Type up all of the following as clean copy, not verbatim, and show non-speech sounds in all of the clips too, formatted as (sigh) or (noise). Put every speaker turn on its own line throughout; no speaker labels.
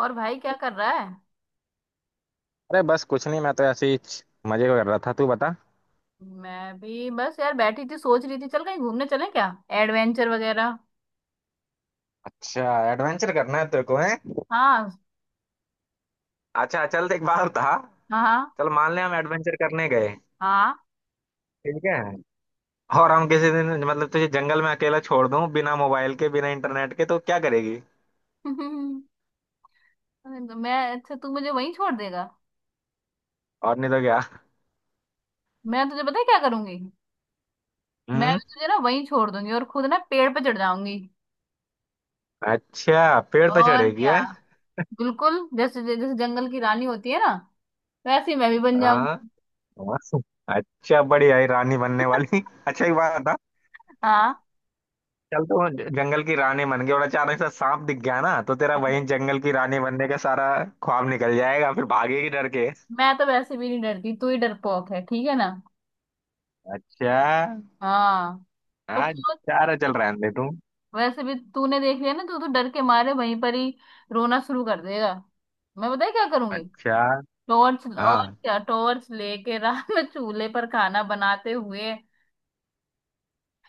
और भाई क्या कर रहा है।
अरे बस कुछ नहीं, मैं तो ऐसे ही मजे कर रहा था। तू बता।
मैं भी बस यार बैठी थी, सोच रही थी चल कहीं घूमने चले क्या, एडवेंचर वगैरह।
अच्छा एडवेंचर करना है तेरे को, है।
हाँ
अच्छा चल, एक बार था।
हाँ हाँ
चल मान ले हम एडवेंचर करने गए।
हाँ
ठीक है। और हम किसी दिन मतलब तुझे जंगल में अकेला छोड़ दूं, बिना मोबाइल के बिना इंटरनेट के, तो क्या करेगी?
(laughs) अरे, तो मैं, अच्छा तू मुझे वहीं छोड़ देगा?
और नहीं तो क्या।
मैं तुझे पता है क्या करूंगी, मैं
हम्म।
भी तुझे ना वहीं छोड़ दूंगी और खुद ना पेड़ पे चढ़ जाऊंगी।
अच्छा, पेड़ पे
और
चढ़ेगी
क्या।
है?
बिल्कुल जैसे जैसे जंगल की रानी होती है ना, वैसे ही मैं भी बन
हाँ
जाऊंगी।
हाँ। अच्छा बढ़िया, ये रानी बनने वाली। (laughs) अच्छा एक बात।
हाँ,
चल तो वो जंगल की रानी बन गई और अचानक से सांप दिख गया ना, तो तेरा वही जंगल की रानी बनने का सारा ख्वाब निकल जाएगा, फिर भागेगी डर के।
मैं तो वैसे भी नहीं डरती, तू ही डरपोक है, ठीक है ना।
अच्छा।
हाँ, पर
हाँ,
सोच,
चारा चल रहा है अंधे तू।
वैसे भी तूने देख लिया ना, तू तो डर के मारे वहीं पर ही रोना शुरू कर देगा। मैं बताया क्या करूंगी,
अच्छा।
टॉर्च, और
हाँ।
क्या, टॉर्च लेके रात में (laughs) चूल्हे पर खाना बनाते हुए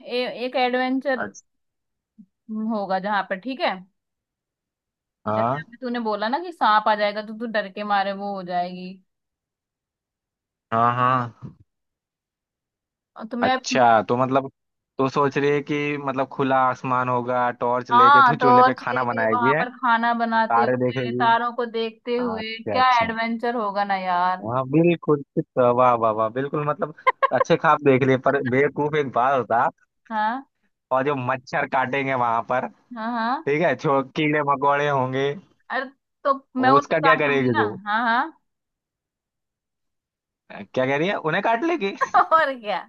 एक एडवेंचर
अच्छा,
होगा जहां पर, ठीक है। जैसे
हाँ
अभी तूने बोला ना कि सांप आ जाएगा तो तू डर के मारे वो हो जाएगी,
हाँ हाँ।
तो मैं,
अच्छा तो मतलब, तो सोच रही है कि मतलब खुला आसमान होगा, टॉर्च लेके
हाँ
तो चूल्हे पे
टॉर्च
खाना
लेके
बनाएगी
वहां
है?
पर खाना बनाते
तारे
हुए
देखेगी।
तारों को देखते हुए
अच्छा
क्या
अच्छा।
एडवेंचर होगा ना यार।
हाँ बिल्कुल। वाह वाह वाह, बिल्कुल मतलब। अच्छे
(laughs)
ख्वाब देख लिए पर बेवकूफ एक बात होता।
हाँ
और जो मच्छर काटेंगे वहां पर,
हाँ हाँ,
ठीक है, छो कीड़े मकोड़े होंगे,
अरे तो मैं
वो
उनको
उसका क्या
काट लूंगी
करेगी
ना।
तू?
हाँ हाँ।
क्या कह रही है, उन्हें काट लेगी?
(laughs) और क्या।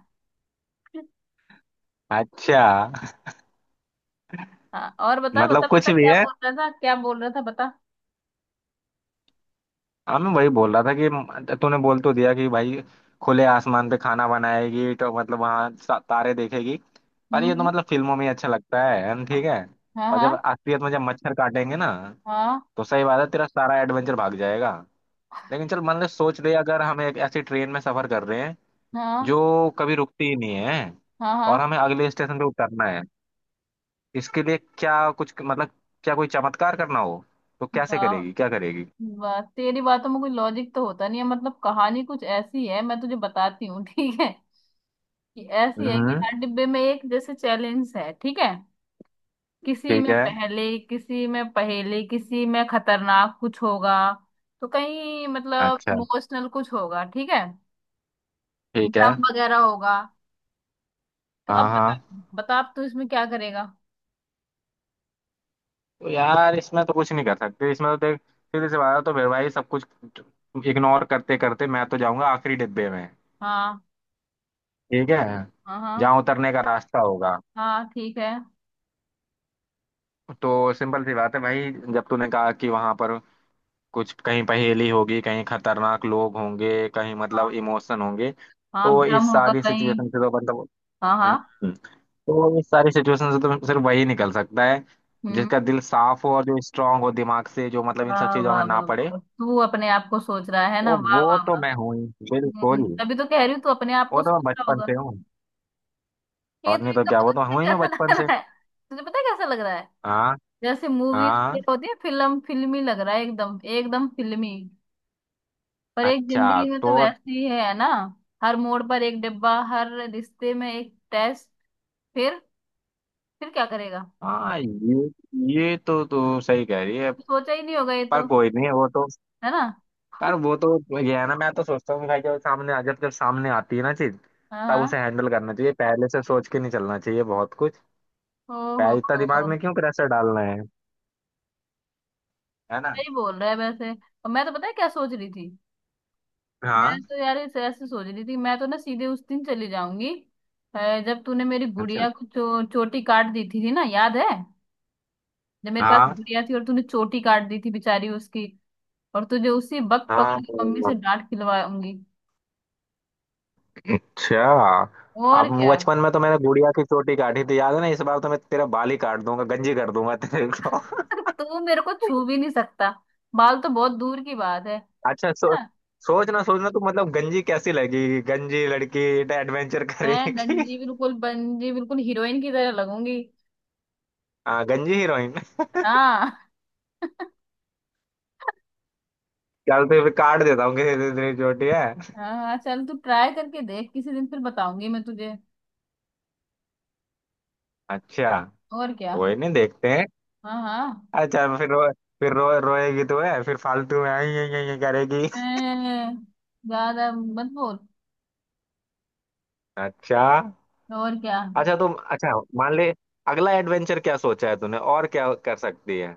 अच्छा।
हाँ, और बता बता
मतलब
बता,
कुछ भी
क्या
है।
बोल रहा था, क्या बोल रहा था, बता।
हाँ, मैं वही बोल रहा था कि तूने बोल तो दिया कि भाई खुले आसमान पे खाना बनाएगी, तो मतलब वहां तारे देखेगी। पर ये तो
हम्म।
मतलब फिल्मों में ही अच्छा लगता है, ठीक है।
हाँ
और जब
हाँ
असलियत में जब मच्छर काटेंगे ना,
हाँ
तो सही बात है, तेरा सारा एडवेंचर भाग जाएगा। लेकिन चल, मान ले, सोच ले, अगर हम एक ऐसी ट्रेन में सफर कर रहे हैं
हाँ
जो कभी रुकती ही नहीं है,
हाँ
और
हाँ।
हमें अगले स्टेशन पे उतरना है, इसके लिए क्या कुछ मतलब, क्या कोई चमत्कार करना हो तो कैसे
वाह
करेगी, क्या करेगी?
वाह, तेरी बातों में कोई लॉजिक तो होता नहीं है, मतलब कहानी कुछ ऐसी है, मैं तुझे बताती हूँ (laughs) ठीक है। कि ऐसी है कि
हम्म।
हर डिब्बे में एक जैसे चैलेंज है, ठीक है। किसी
ठीक
में
है।
पहले, किसी में पहेली, किसी में खतरनाक कुछ होगा, तो कहीं मतलब
अच्छा।
इमोशनल कुछ होगा, ठीक है।
ठीक है।
ड्रम वगैरह होगा, तो अब
हाँ
बता,
हाँ।
बता अब तू इसमें क्या करेगा।
तो यार इसमें तो कुछ नहीं कर सकते, इसमें तो देख सीधे से बात है, तो फिर भाई सब कुछ इग्नोर करते करते मैं तो जाऊंगा आखिरी डिब्बे में।
हाँ
ठीक है।
हाँ हाँ
जहाँ उतरने का रास्ता होगा।
हाँ, ठीक है।
तो सिंपल सी बात है भाई, जब तूने कहा कि वहां पर कुछ कहीं पहेली होगी, कहीं खतरनाक लोग होंगे, कहीं मतलब
हाँ,
इमोशन होंगे,
हाँ
तो
भ्रम
इस
होगा
सारी
कहीं।
सिचुएशन से तो मतलब
हाँ हाँ।
हम्म, तो इस सारी सिचुएशन से तो सिर्फ वही निकल सकता है
हम्म।
जिसका दिल साफ हो और जो स्ट्रांग हो दिमाग से, जो मतलब इन सब
वाह
चीजों
वाह
में ना
वाह
पड़े।
वाह। तू अपने आप को सोच रहा है ना,
तो
वाह
वो
वाह
तो
वाह।
मैं हूँ ही बिल्कुल।
तभी तो कह रही हूँ, तू अपने आप को
वो तो
सोच
मैं
रहा
बचपन
होगा।
से हूँ।
ये
और
तो
नहीं तो
एकदम
क्या,
पता
वो तो
है
हूँ ही मैं
कैसा लग
बचपन से।
रहा है, तुझे पता है कैसा लग रहा है,
हाँ
जैसे मूवीज
हाँ।
होती है, फिल्म, फिल्मी लग रहा है, एकदम एकदम फिल्मी। पर एक
अच्छा
जिंदगी में तो
तो
वैसे ही है ना, हर मोड़ पर एक डिब्बा, हर रिश्ते में एक टेस्ट। फिर फिर क्या करेगा?
हाँ, ये तो तू सही कह रही है।
सोचा ही नहीं होगा ये तो,
पर कोई नहीं, वो तो
है ना।
यार, वो तो ये है ना। मैं तो सोचता हूँ कि भाई जब जब सामने आती है ना चीज,
हाँ
तब उसे
हाँ।
हैंडल करना चाहिए, पहले से सोच के नहीं चलना चाहिए बहुत कुछ।
ओहो,
पहले इतना
हो,
दिमाग में क्यों प्रेशर डालना है ना।
सही बोल रहा है वैसे। और मैं तो पता है क्या सोच रही थी,
हाँ।
मैं तो यार ऐसे ऐसे सोच रही थी, मैं तो ना सीधे उस दिन चली जाऊंगी जब तूने मेरी
अच्छा।
गुड़िया को चोटी काट दी थी ना, याद है? जब मेरे पास
हाँ
गुड़िया थी और तूने चोटी काट दी थी बेचारी उसकी, और तुझे उसी वक्त
हाँ
पकड़ के मम्मी से
हाँ।
डांट खिलवाऊंगी,
अच्छा।
और
अब
क्या।
बचपन में तो मैंने गुड़िया की चोटी काटी थी, याद है ना। इस बार तो मैं तेरा बाल ही काट दूंगा, गंजी कर दूंगा तेरे को।
(laughs) तू मेरे को छू भी नहीं सकता, बाल तो बहुत दूर की बात है,
(laughs) अच्छा सो
ना?
सोचना सोचना, तो मतलब गंजी कैसी लगेगी, गंजी लड़की एडवेंचर
मैं
करेगी। (laughs)
गंजी बिल्कुल, बंजी बिल्कुल हीरोइन की तरह लगूंगी।
हाँ, गंजी हीरोइन।
हाँ। (laughs)
चल तो फिर काट देता हूँ किसी दिन तेरी चोटी, है।
हाँ हाँ, चल तू ट्राई करके देख किसी दिन, फिर बताऊंगी मैं तुझे,
अच्छा।
और क्या।
कोई नहीं, देखते हैं।
हाँ हाँ।
अच्छा। फिर रो रोएगी तो है, फिर फालतू में आई आई आई आई करेगी।
अं, ज्यादा मत बोल,
अच्छा।
और क्या।
अच्छा तुम अच्छा। मान ले, अगला एडवेंचर क्या सोचा है तूने और क्या कर सकती है।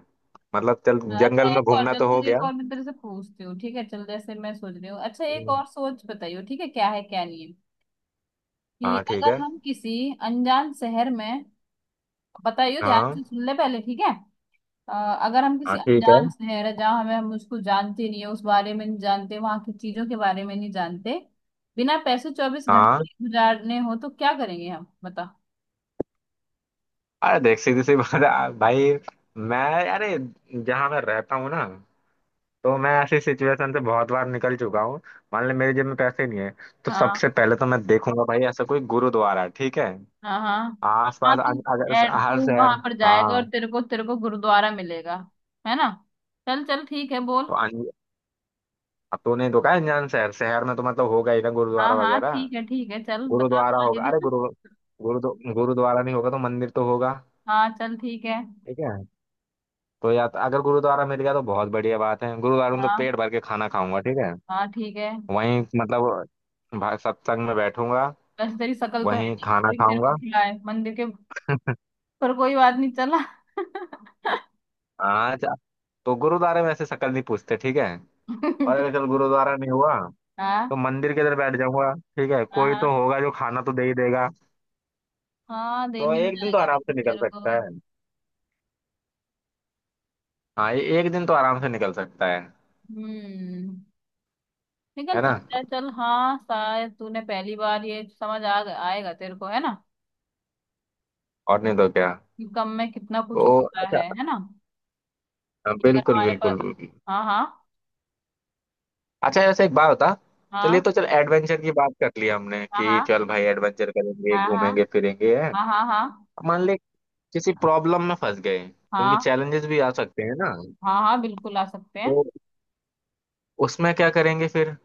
मतलब चल,
हाँ, अच्छा
जंगल में
एक और,
घूमना
चल
तो हो
तुझे
गया।
एक और मैं तेरे से पूछती हूँ, ठीक है, चल जैसे मैं सोच रही हूँ, अच्छा एक
हम्म।
और सोच, बताइयो ठीक है, क्या है क्या नहीं है। कि
हाँ ठीक है।
अगर हम किसी अनजान शहर में, बताइयो ध्यान
हाँ
से सुन ले पहले, ठीक है। अ, अगर हम किसी
हाँ। ठीक है।
अनजान शहर है जहाँ हमें, हम उसको जानते नहीं है, उस बारे में नहीं जानते, वहां की चीजों के बारे में नहीं जानते, बिना पैसे चौबीस
हाँ।
घंटे गुजारने हो तो क्या करेंगे हम, बता।
अरे देख, सीधी सी बात है, भाई मैं अरे जहाँ मैं रहता हूँ ना, तो मैं ऐसी सिचुएशन से बहुत बार निकल चुका हूँ। मान ले मेरे जेब में पैसे नहीं है, तो
हाँ
सबसे पहले तो मैं देखूंगा भाई ऐसा कोई गुरुद्वारा है, ठीक है,
हाँ हाँ हाँ
आसपास।
तू,
अगर हर
तू
शहर,
वहां पर जाएगा
हाँ।
और तेरे को गुरुद्वारा मिलेगा, है ना। चल चल ठीक है,
तो
बोल।
अब तो नहीं रुका है अनजान शहर शहर में, तो मतलब होगा ही ना
हाँ
गुरुद्वारा
हाँ,
वगैरह।
ठीक है ठीक है, चल बता
गुरुद्वारा
आगे
होगा। अरे,
बता।
गुरु गुरु गुरुद्वारा नहीं होगा तो मंदिर तो होगा।
हाँ चल ठीक है।
ठीक है। तो या तो अगर गुरुद्वारा मिल गया तो बहुत बढ़िया बात है, गुरुद्वारा में तो
हाँ
पेट भर के खाना खाऊंगा। ठीक है।
हाँ ठीक है।
वहीं मतलब सत्संग में बैठूंगा,
वैसे तेरी शक्ल तो है
वहीं
नहीं,
खाना
कोई तेरे को
खाऊंगा।
खिलाए मंदिर के, पर कोई बात नहीं, चला। (laughs)
हाँ, तो गुरुद्वारे में ऐसे शक्ल नहीं पूछते, ठीक है। और अगर चल गुरुद्वारा नहीं हुआ, तो
हाँ
मंदिर के अंदर बैठ जाऊंगा। ठीक है, कोई तो
हाँ,
होगा जो खाना तो दे ही देगा।
हाँ देर
तो
मिल
एक दिन तो
जाएगा
आराम
वैसे
से निकल
तेरे
सकता
को।
है। हाँ, ये एक दिन तो आराम से निकल सकता है
हम्म, निकल
है ना।
सकता है, चल हाँ, शायद तूने पहली बार ये समझ आ आएगा तेरे को, है ना,
और नहीं तो क्या।
कि कम में कितना
तो
कुछ होता
अच्छा।
है ना।
हाँ,
अगर
बिल्कुल
हमारे
बिल्कुल
पास,
बिल्कुल।
हाँ हाँ
अच्छा ऐसे एक बात बता।
हाँ
चलिए तो चल, एडवेंचर की बात कर ली हमने कि
हाँ
चल भाई एडवेंचर करेंगे,
हाँ हाँ
घूमेंगे फिरेंगे, है।
हाँ हाँ हाँ हाँ
मान ले किसी प्रॉब्लम में फंस गए, क्योंकि
हाँ
चैलेंजेस भी आ सकते हैं ना,
हाँ, हाँ बिल्कुल आ सकते हैं।
तो उसमें क्या करेंगे फिर।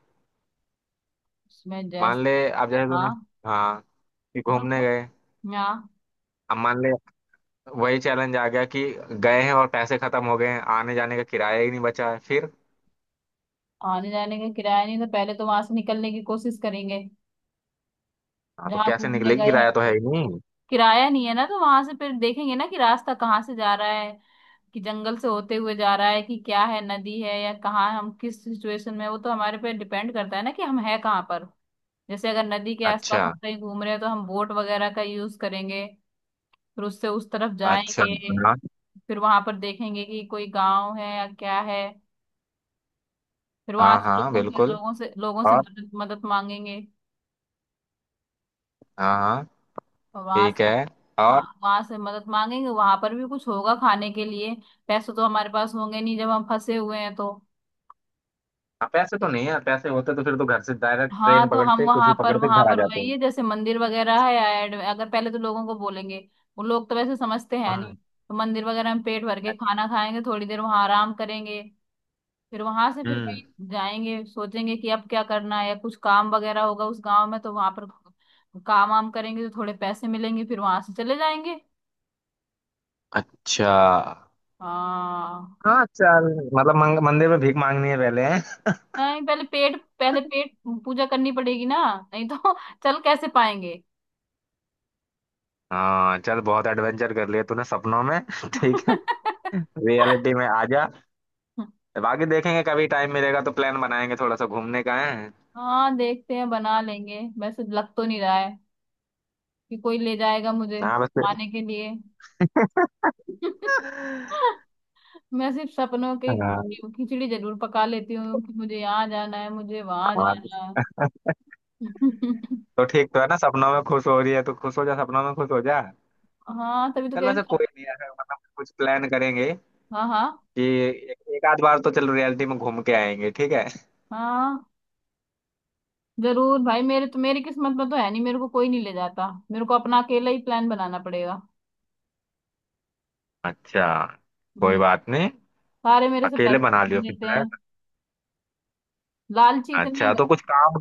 उसमें जैस,
मान ले आप जैसे ना,
हाँ
हाँ, कि घूमने
बिल्कुल,
गए।
हाँ
अब मान ले वही चैलेंज आ गया कि गए हैं और पैसे खत्म हो गए हैं, आने जाने का किराया ही नहीं बचा है फिर।
आने जाने का किराया नहीं, तो पहले तो वहां से निकलने की कोशिश करेंगे,
हाँ, तो
जहाँ
कैसे
घूमने
निकलेगी,
गए हैं।
किराया तो है ही नहीं।
किराया नहीं है ना तो वहां से फिर देखेंगे ना कि रास्ता कहाँ से जा रहा है, कि जंगल से होते हुए जा रहा है, कि क्या है, नदी है, या कहाँ हम किस सिचुएशन में हैं, वो तो हमारे पे डिपेंड करता है ना कि हम है कहाँ पर। जैसे अगर नदी के आसपास हम
अच्छा
कहीं घूम रहे हैं तो हम बोट वगैरह का यूज करेंगे, फिर उससे उस तरफ
अच्छा।
जाएंगे,
हाँ
फिर वहां पर देखेंगे कि कोई गांव है या क्या है, फिर वहां
हाँ
से
हाँ
लोगों के
बिल्कुल।
लोगों से लोगों से
और
मदद मदद मांगेंगे।
हाँ हाँ,
वहां
ठीक
से
है।
खा,
और
वहां से मदद मांगेंगे, वहां पर भी कुछ होगा खाने के लिए, पैसे तो हमारे पास होंगे नहीं जब हम फंसे हुए हैं तो।
हाँ, पैसे तो नहीं है, पैसे होते तो फिर तो घर से डायरेक्ट
हाँ,
ट्रेन
तो हम
पकड़ते, कुछ भी
वहां पर
पकड़ते,
वहां
घर आ
पर
जाते
वही
हैं।
है, जैसे मंदिर वगैरह है, ऐड अगर पहले तो लोगों को बोलेंगे, वो लोग तो वैसे समझते हैं नहीं,
हाँ।
तो मंदिर वगैरह में पेट भर के खाना खाएंगे, थोड़ी देर वहां आराम करेंगे, फिर वहां से फिर
हम्म।
कहीं जाएंगे, सोचेंगे कि अब क्या करना है, या कुछ काम वगैरह होगा उस गांव में तो वहां पर काम वाम करेंगे तो थोड़े पैसे मिलेंगे, फिर वहां से चले जाएंगे।
अच्छा।
हाँ,
हाँ चल, मतलब मंदिर में भीख मांगनी है पहले।
नहीं पहले पेट, पहले पेट पूजा करनी पड़ेगी ना, नहीं तो (laughs) चल कैसे पाएंगे।
हाँ चल, बहुत एडवेंचर कर लिया तूने सपनों में। (laughs) ठीक है,
(laughs)
रियलिटी में आ जा। बाकी देखेंगे कभी टाइम मिलेगा तो प्लान बनाएंगे थोड़ा सा घूमने का, है।
हाँ देखते हैं, बना लेंगे, वैसे लग तो नहीं रहा है कि कोई ले जाएगा मुझे
हाँ बस।
खाने के लिए। (laughs) मैं सिर्फ सपनों के
हाँ हाँ।
खिचड़ी खिचड़ी जरूर पका लेती हूँ कि मुझे यहाँ जाना है, मुझे वहां जाना है। (laughs)
तो ठीक तो है ना, सपनों में खुश हो रही है तो खुश हो जा, सपनों में खुश हो जा।
हाँ तभी तो
चल
कह रही
वैसे
हूँ।
कोई नहीं है, मतलब कुछ प्लान करेंगे
हाँ हाँ
कि एक, एक आध बार तो चल रियलिटी में घूम के आएंगे, ठीक है।
हाँ, जरूर भाई, मेरे तो, मेरी किस्मत में तो है नहीं, मेरे को कोई नहीं ले जाता, मेरे को अपना अकेला ही प्लान बनाना पड़ेगा।
अच्छा, कोई
हम्म।
बात नहीं,
सारे मेरे से
अकेले
पैसे
बना
छीन
लियो फिर
लेते
प्लान।
हैं, लालची इतने,
अच्छा तो कुछ काम।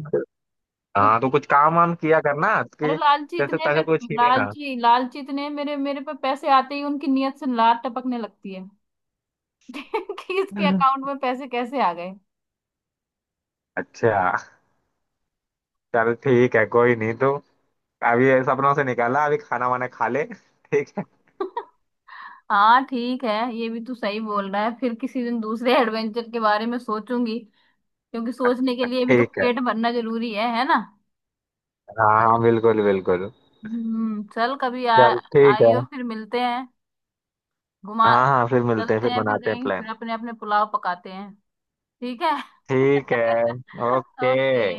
कुछ
हाँ तो कुछ काम वाम किया करना
अरे
कि
लालची
जैसे
इतने मेरे,
पैसे कोई छीने ना।
लालची लालची इतने मेरे, मेरे पे पैसे आते ही उनकी नीयत से लात टपकने लगती है। (laughs) कि इसके अकाउंट में पैसे कैसे आ गए।
अच्छा चल ठीक है, कोई नहीं तो अभी ये सपनों से निकाला, अभी खाना वाना खा ले। (laughs) ठीक है।
(laughs) हाँ ठीक है, ये भी तू सही बोल रहा है, फिर किसी दिन दूसरे एडवेंचर के बारे में सोचूंगी, क्योंकि सोचने के लिए भी तो
ठीक है।
पेट भरना जरूरी है ना।
हाँ हाँ, बिल्कुल बिल्कुल।
हम्म, चल कभी आ,
चल ठीक है।
आइयो, फिर मिलते हैं, घुमा,
हाँ हाँ, फिर मिलते हैं,
चलते
फिर
हैं फिर
बनाते हैं
कहीं,
प्लान।
फिर अपने अपने पुलाव पकाते हैं। ठीक है।
ठीक है।
(laughs)
ओके।
ओके।